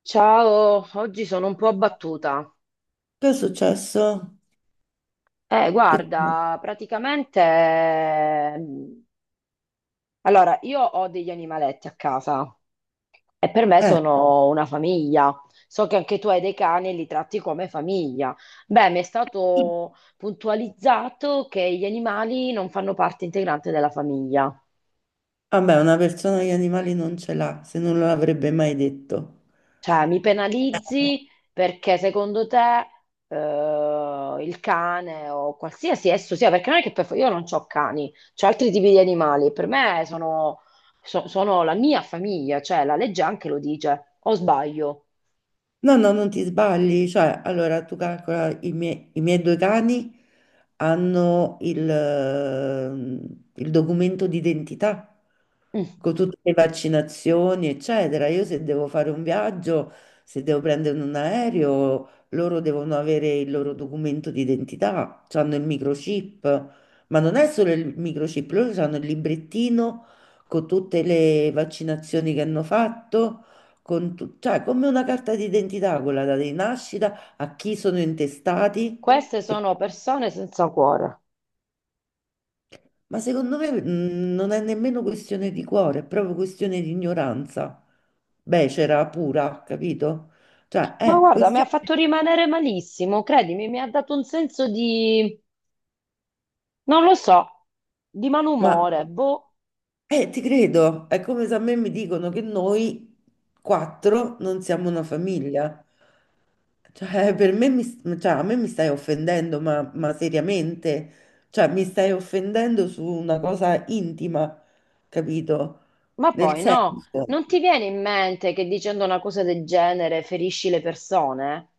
Ciao, oggi sono un po' abbattuta. Che è successo? Che... Guarda, praticamente, allora, io ho degli animaletti a casa e per me Eh, sono una famiglia. So che anche tu hai dei cani e li tratti come famiglia. Beh, mi è stato puntualizzato che gli animali non fanno parte integrante della famiglia. vabbè, una persona gli animali non ce l'ha, se non l'avrebbe mai detto. Cioè, mi penalizzi perché secondo te, il cane o qualsiasi esso sia, perché non è che per, io non ho cani, ho altri tipi di animali, per me sono, sono la mia famiglia, cioè la legge anche lo dice, o sbaglio. No, no, non ti sbagli, cioè, allora tu calcola i miei due cani hanno il documento d'identità Mm. con tutte le vaccinazioni, eccetera. Io se devo fare un viaggio, se devo prendere un aereo, loro devono avere il loro documento d'identità, hanno il microchip, ma non è solo il microchip, loro hanno il librettino con tutte le vaccinazioni che hanno fatto con cioè come una carta d'identità quella data di nascita, a chi sono intestati, Queste sono persone senza cuore. ma secondo me non è nemmeno questione di cuore, è proprio questione di ignoranza becera pura, capito? Cioè Ma è guarda, mi ha questione, fatto rimanere malissimo, credimi, mi ha dato un senso di, non lo so, di ma malumore, boh. Ti credo, è come se a me mi dicono che noi quattro non siamo una famiglia. Cioè, per me mi, cioè, a me mi stai offendendo, ma seriamente, cioè, mi stai offendendo su una cosa intima, capito? Ma Nel poi no, senso. non ti viene in mente che dicendo una cosa del genere ferisci le persone?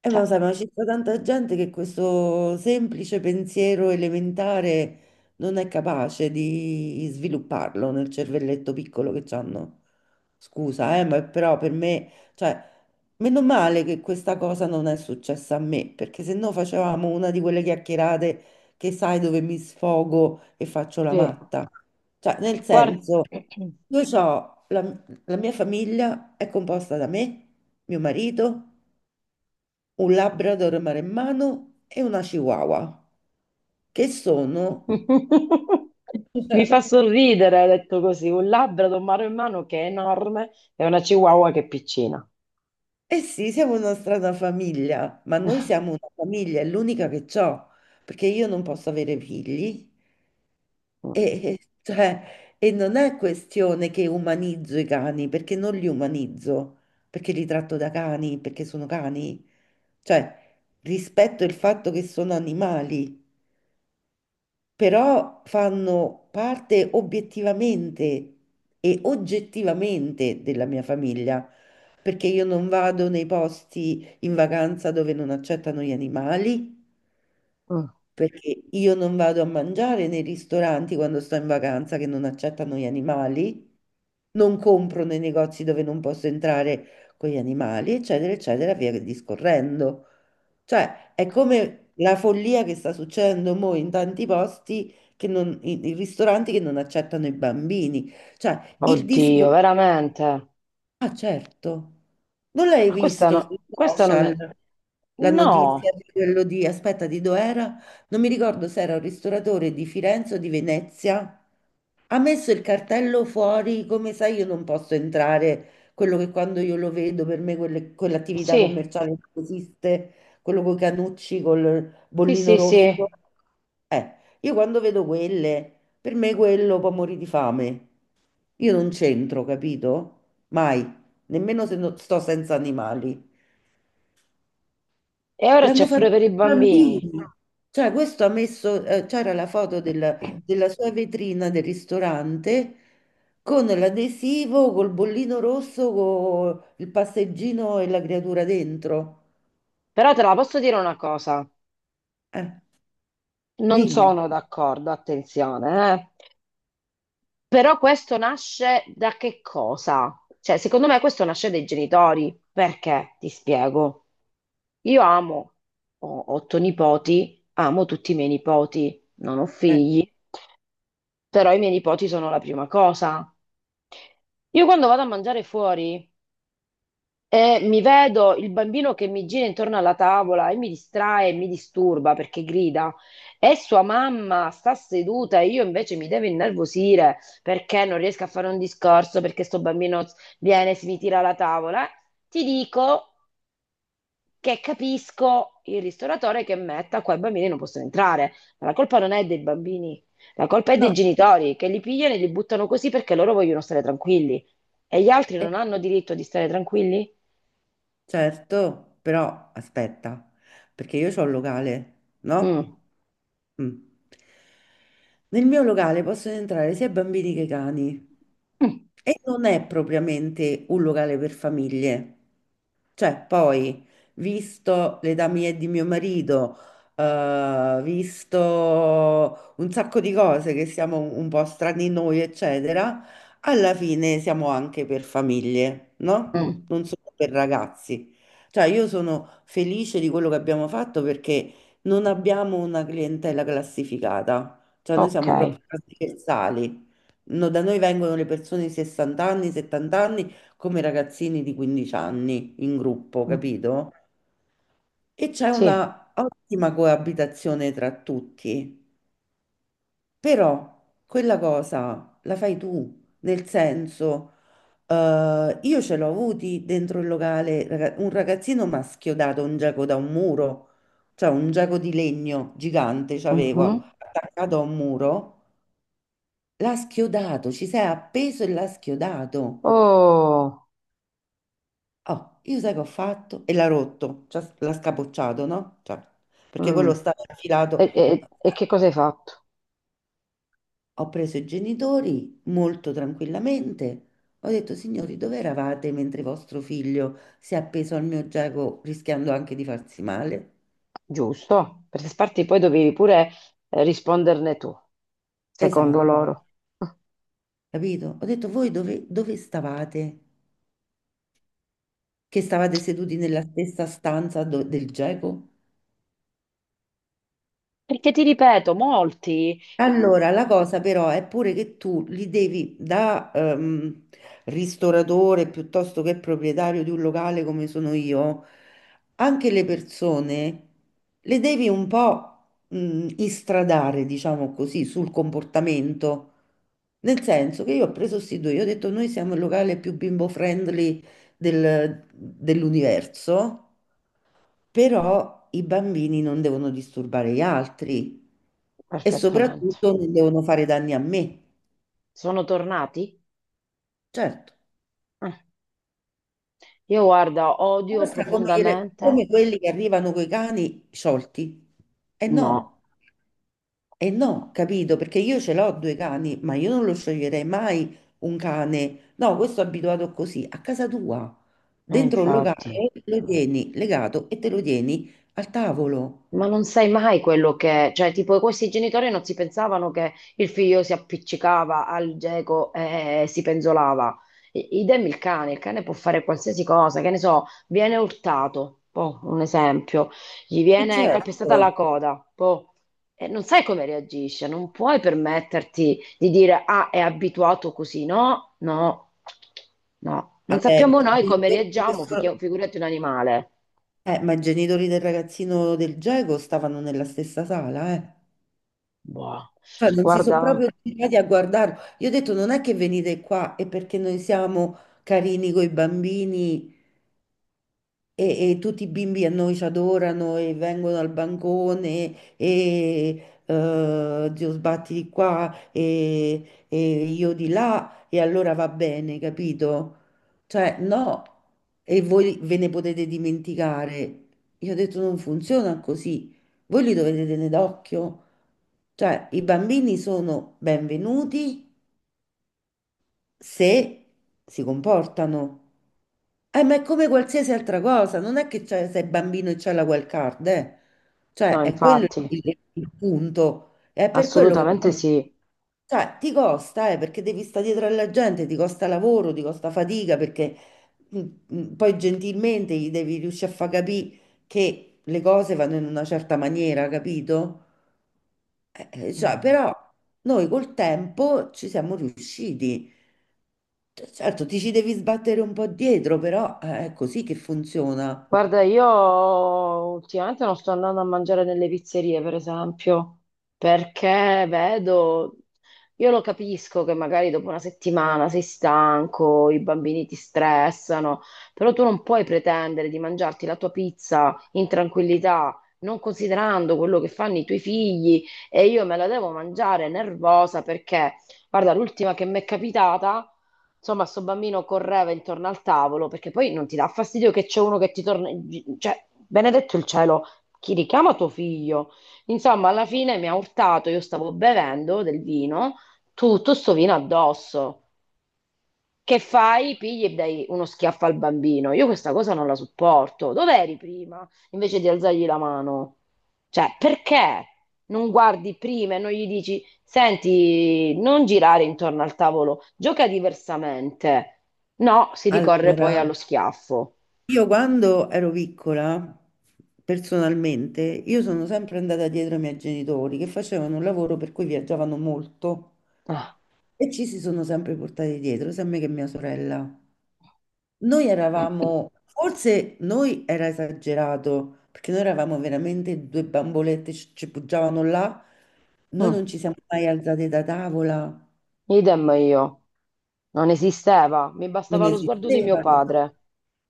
Ma Cioè, lo sai, ma ci sta tanta gente che questo semplice pensiero elementare non è capace di svilupparlo nel cervelletto piccolo che hanno. Scusa, ma però per me, cioè, meno male che questa cosa non è successa a me, perché se no facevamo una di quelle chiacchierate che sai dove mi sfogo e faccio la sì, matta. Cioè, nel guarda, senso, io ho la mia famiglia è composta da me, mio marito un Labrador maremmano e una Chihuahua, che sono... mi fa sorridere, detto così, un labbro un mano in mano che è enorme e una chihuahua che è piccina. Eh sì, siamo una strana famiglia, ma noi siamo una famiglia, è l'unica che ho, perché io non posso avere figli Mm. e, cioè, e non è questione che umanizzo i cani, perché non li umanizzo, perché li tratto da cani, perché sono cani, cioè rispetto il fatto che sono animali. Però fanno parte obiettivamente e oggettivamente della mia famiglia, perché io non vado nei posti in vacanza dove non accettano gli animali, Mm. perché io non vado a mangiare nei ristoranti quando sto in vacanza che non accettano gli animali, non compro nei negozi dove non posso entrare con gli animali, eccetera, eccetera, via discorrendo. Cioè, è come la follia che sta succedendo mo in tanti posti, che non, i ristoranti che non accettano i bambini. Cioè, il Oddio, discorso... veramente. Ah, certo. Non l'hai Ma questa visto sui no, questa non social me. la notizia No, di quello di, aspetta, di dov'era? Non mi ricordo se era un ristoratore di Firenze o di Venezia. Ha messo il cartello fuori, come sai, io non posso entrare. Quello che quando io lo vedo, per me quell'attività sì, commerciale non esiste, quello con i canucci, col sì, bollino sì, sì. rosso. Eh, io quando vedo quelle, per me quello può morire di fame. Io non c'entro, capito? Mai, nemmeno se sto senza animali. E ora L'hanno c'è fatto pure i per i bambini. bambini. Cioè, questo ha messo, c'era la foto della sua vetrina del ristorante con l'adesivo, col bollino rosso, con il passeggino e la creatura dentro. Però te la posso dire una cosa. Eh, Non dimmi. Dimmi. sono d'accordo, attenzione, eh. Però questo nasce da che cosa? Cioè, secondo me questo nasce dai genitori. Perché? Ti spiego. Io amo, ho otto nipoti, amo tutti i miei nipoti, non ho Eh, figli, però i miei nipoti sono la prima cosa. Io quando vado a mangiare fuori e mi vedo il bambino che mi gira intorno alla tavola e mi distrae e mi disturba perché grida. E sua mamma sta seduta e io invece mi devo innervosire perché non riesco a fare un discorso, perché sto bambino viene e si mi tira alla tavola. Ti dico che capisco il ristoratore che metta qua i bambini non possono entrare, ma la colpa non è dei bambini, la colpa è dei no, genitori che li pigliano e li buttano così perché loro vogliono stare tranquilli. E gli altri eh, non hanno diritto di stare tranquilli? certo, però aspetta, perché io ho un locale, no? Mm. Mm. Nel mio locale possono entrare sia bambini che cani e non è propriamente un locale per famiglie. Cioè, poi, visto l'età mia e di mio marito, visto un sacco di cose che siamo un po' strani noi, eccetera, alla fine siamo anche per famiglie, no? Mm, Non solo per ragazzi. Cioè, io sono felice di quello che abbiamo fatto perché non abbiamo una clientela classificata. Cioè, noi ok, siamo proprio trasversali. No, da noi vengono le persone di 60 anni, 70 anni, come i ragazzini di 15 anni in gruppo, mm, capito? E c'è sì. una ottima coabitazione tra tutti. Però quella cosa la fai tu, nel senso. Io ce l'ho avuti dentro il locale un ragazzino mi ha schiodato un giaco da un muro, cioè un giaco di legno gigante c'avevo Mhm. attaccato a un muro. L'ha schiodato, ci sei appeso e l'ha schiodato. Oh, Oh, io sai che ho fatto? E l'ha rotto, cioè l'ha scapocciato, no? Cioè, perché mm. quello stava E, infilato. e- e che cosa hai fatto? Ho preso i genitori molto tranquillamente. Ho detto, signori, dove eravate mentre vostro figlio si è appeso al mio giago rischiando anche di farsi male? Giusto, perché Sparti poi dovevi pure risponderne tu, secondo Esatto, loro. capito? Ho detto, voi dove, dove stavate? Che stavate seduti nella stessa stanza del giago? Perché ti ripeto, molti. Allora, la cosa però è pure che tu li devi da ristoratore piuttosto che proprietario di un locale come sono io, anche le persone le devi un po' istradare, diciamo così, sul comportamento. Nel senso che io ho preso sti due, io ho detto noi siamo il locale più bimbo friendly dell'universo, però i bambini non devono disturbare gli altri e Perfettamente. soprattutto non devono fare danni a me. Sono tornati. Certo, Eh, Io guarda, odio basta come, profondamente. come quelli che arrivano coi cani sciolti. E No, no. E no, capito? Perché io ce l'ho due cani, ma io non lo scioglierei mai un cane. No, questo è abituato così, a casa tua, mm, dentro un infatti. locale, lo tieni legato e te lo tieni al tavolo. Ma non sai mai quello che, cioè, tipo, questi genitori non si pensavano che il figlio si appiccicava al geco e si penzolava. Idem il cane può fare qualsiasi cosa, che ne so, viene urtato, boh, un esempio, gli viene calpestata Certo. la coda, boh, e non sai come reagisce, non puoi permetterti di dire, ah, è abituato così, no, no, no, non Vabbè, sappiamo i noi come genitori di reagiamo, figurati un animale. Ma i genitori del ragazzino del Geco stavano nella stessa sala, eh. Boh, Cioè, non si sono proprio guarda. girati a guardarlo. Io ho detto, non è che venite qua e perché noi siamo carini coi bambini, e tutti i bimbi a noi ci adorano e vengono al bancone e zio sbatti di qua e io di là e allora va bene, capito? Cioè, no, e voi ve ne potete dimenticare. Io ho detto non funziona così, voi li dovete tenere d'occhio. Cioè, i bambini sono benvenuti se si comportano. Ma è come qualsiasi altra cosa, non è che sei bambino e c'è la wild card, eh. No, Cioè, è quello infatti, il punto. È per quello che assolutamente poi, sì. cioè, ti costa, perché devi stare dietro alla gente, ti costa lavoro, ti costa fatica, perché mm, poi gentilmente gli devi riuscire a far capire che le cose vanno in una certa maniera, capito? Cioè, Mm. però noi col tempo ci siamo riusciti. Certo, ti ci devi sbattere un po' dietro, però è così che funziona. Guarda, io ultimamente non sto andando a mangiare nelle pizzerie, per esempio, perché vedo, io lo capisco che magari dopo una settimana sei stanco, i bambini ti stressano, però tu non puoi pretendere di mangiarti la tua pizza in tranquillità, non considerando quello che fanno i tuoi figli e io me la devo mangiare nervosa perché, guarda, l'ultima che mi è capitata. Insomma, sto bambino correva intorno al tavolo perché poi non ti dà fastidio che c'è uno che ti torna. Cioè, benedetto il cielo, chi richiama tuo figlio? Insomma, alla fine mi ha urtato, io stavo bevendo del vino, tutto sto vino addosso. Che fai? Pigli e dai uno schiaffo al bambino. Io questa cosa non la sopporto. Dov'eri prima? Invece di alzargli la mano. Cioè, perché non guardi prima e non gli dici, senti, non girare intorno al tavolo, gioca diversamente. No, si ricorre poi Allora, allo schiaffo. io quando ero piccola, personalmente, io sono sempre andata dietro ai miei genitori che facevano un lavoro per cui viaggiavano molto Ah. e ci si sono sempre portati dietro, sia me che mia sorella. Noi eravamo, forse noi era esagerato, perché noi eravamo veramente due bambolette, ci poggiavano là, noi Mm. non ci siamo mai alzate da tavola. Idem io. Non esisteva, mi Non bastava lo sguardo di mio esisteva. Capito? padre.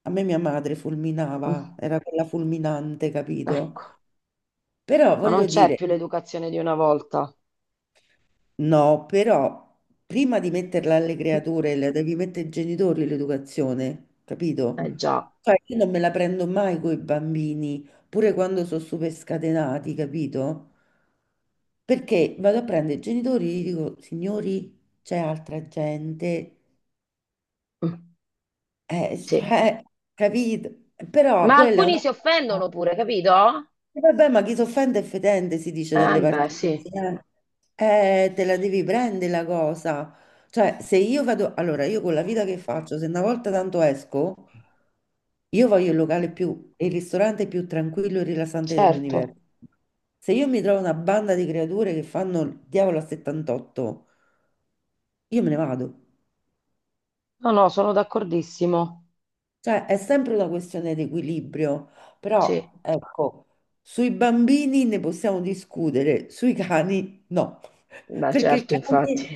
A me mia madre fulminava, Mm. era quella fulminante, capito? Ecco, Però ma non voglio c'è dire, più l'educazione di una volta. no, però prima di metterla alle creature, la devi mettere ai genitori l'educazione, capito? Eh già. Cioè, io non me la prendo mai con i bambini, pure quando sono super scatenati, capito? Perché vado a prendere i genitori e gli dico, signori, c'è altra gente, Mm. Sì. cioè, capito? Però Ma quella è alcuni una... si offendono pure, capito? E vabbè, ma chi s'offende è fedente, si dice dalle Beh, parti sì. mie. Te la devi prendere la cosa. Cioè, se io vado, allora io con la vita che faccio, se una volta tanto esco, io voglio il ristorante più tranquillo e rilassante Certo. dell'universo. Se io mi trovo una banda di creature che fanno il diavolo a 78, io me ne vado. No, no, sono d'accordissimo. Cioè, è sempre una questione di equilibrio, Sì, però ecco, sui bambini ne possiamo discutere, sui cani no, beh, perché il certo, cane infatti.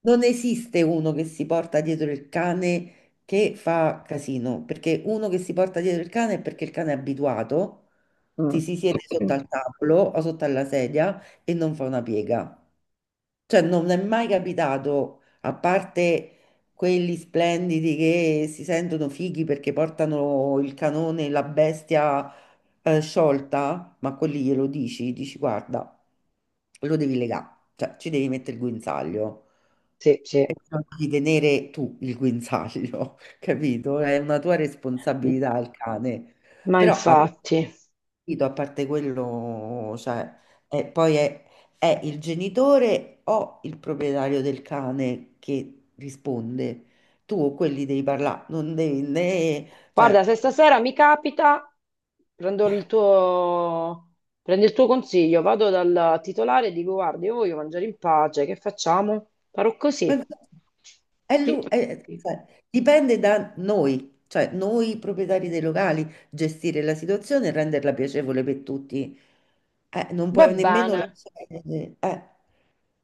non esiste uno che si porta dietro il cane che fa casino, perché uno che si porta dietro il cane è perché il cane è abituato, ti Mm. si siede sotto al tavolo o sotto alla sedia e non fa una piega. Cioè, non è mai capitato, a parte quelli splendidi che si sentono fighi perché portano il canone, la bestia sciolta, ma quelli glielo dici, dici guarda, lo devi legare, cioè ci devi mettere il guinzaglio, Sì, sì. non devi tenere tu il guinzaglio, capito? È una tua responsabilità il cane. Ma Però infatti, a parte quello, cioè, è- poi è, è il genitore o il proprietario del cane che risponde. Tu o quelli devi parlare, non devi né... guarda, Cioè, se stasera mi capita, prendo il tuo, prendo il tuo consiglio, vado dal titolare e dico, guarda, io voglio mangiare in pace, che facciamo? Farò così. ma- Sì. Cioè, dipende da noi, cioè noi proprietari dei locali, gestire la situazione e renderla piacevole per tutti. Non Va puoi nemmeno bene. lasciare....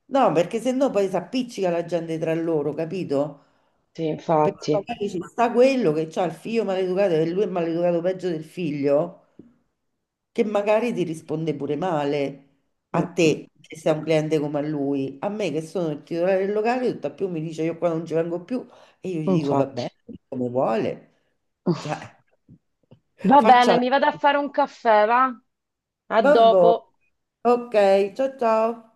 No, perché sennò poi si appiccica la gente tra loro, capito? Sì, Perché infatti. magari ci sta quello che ha il figlio maleducato e lui è maleducato peggio del figlio, che magari ti risponde pure male a Mm, mm, te che sei un cliente come a lui. A me che sono il titolare del locale, tutt'al più mi dice io qua non ci vengo più e io gli dico va infatti. bene, come vuole. Cioè, Va faccia bene, la... mi vado a fare un caffè, va? A Vabbè. dopo. Ok, ciao ciao.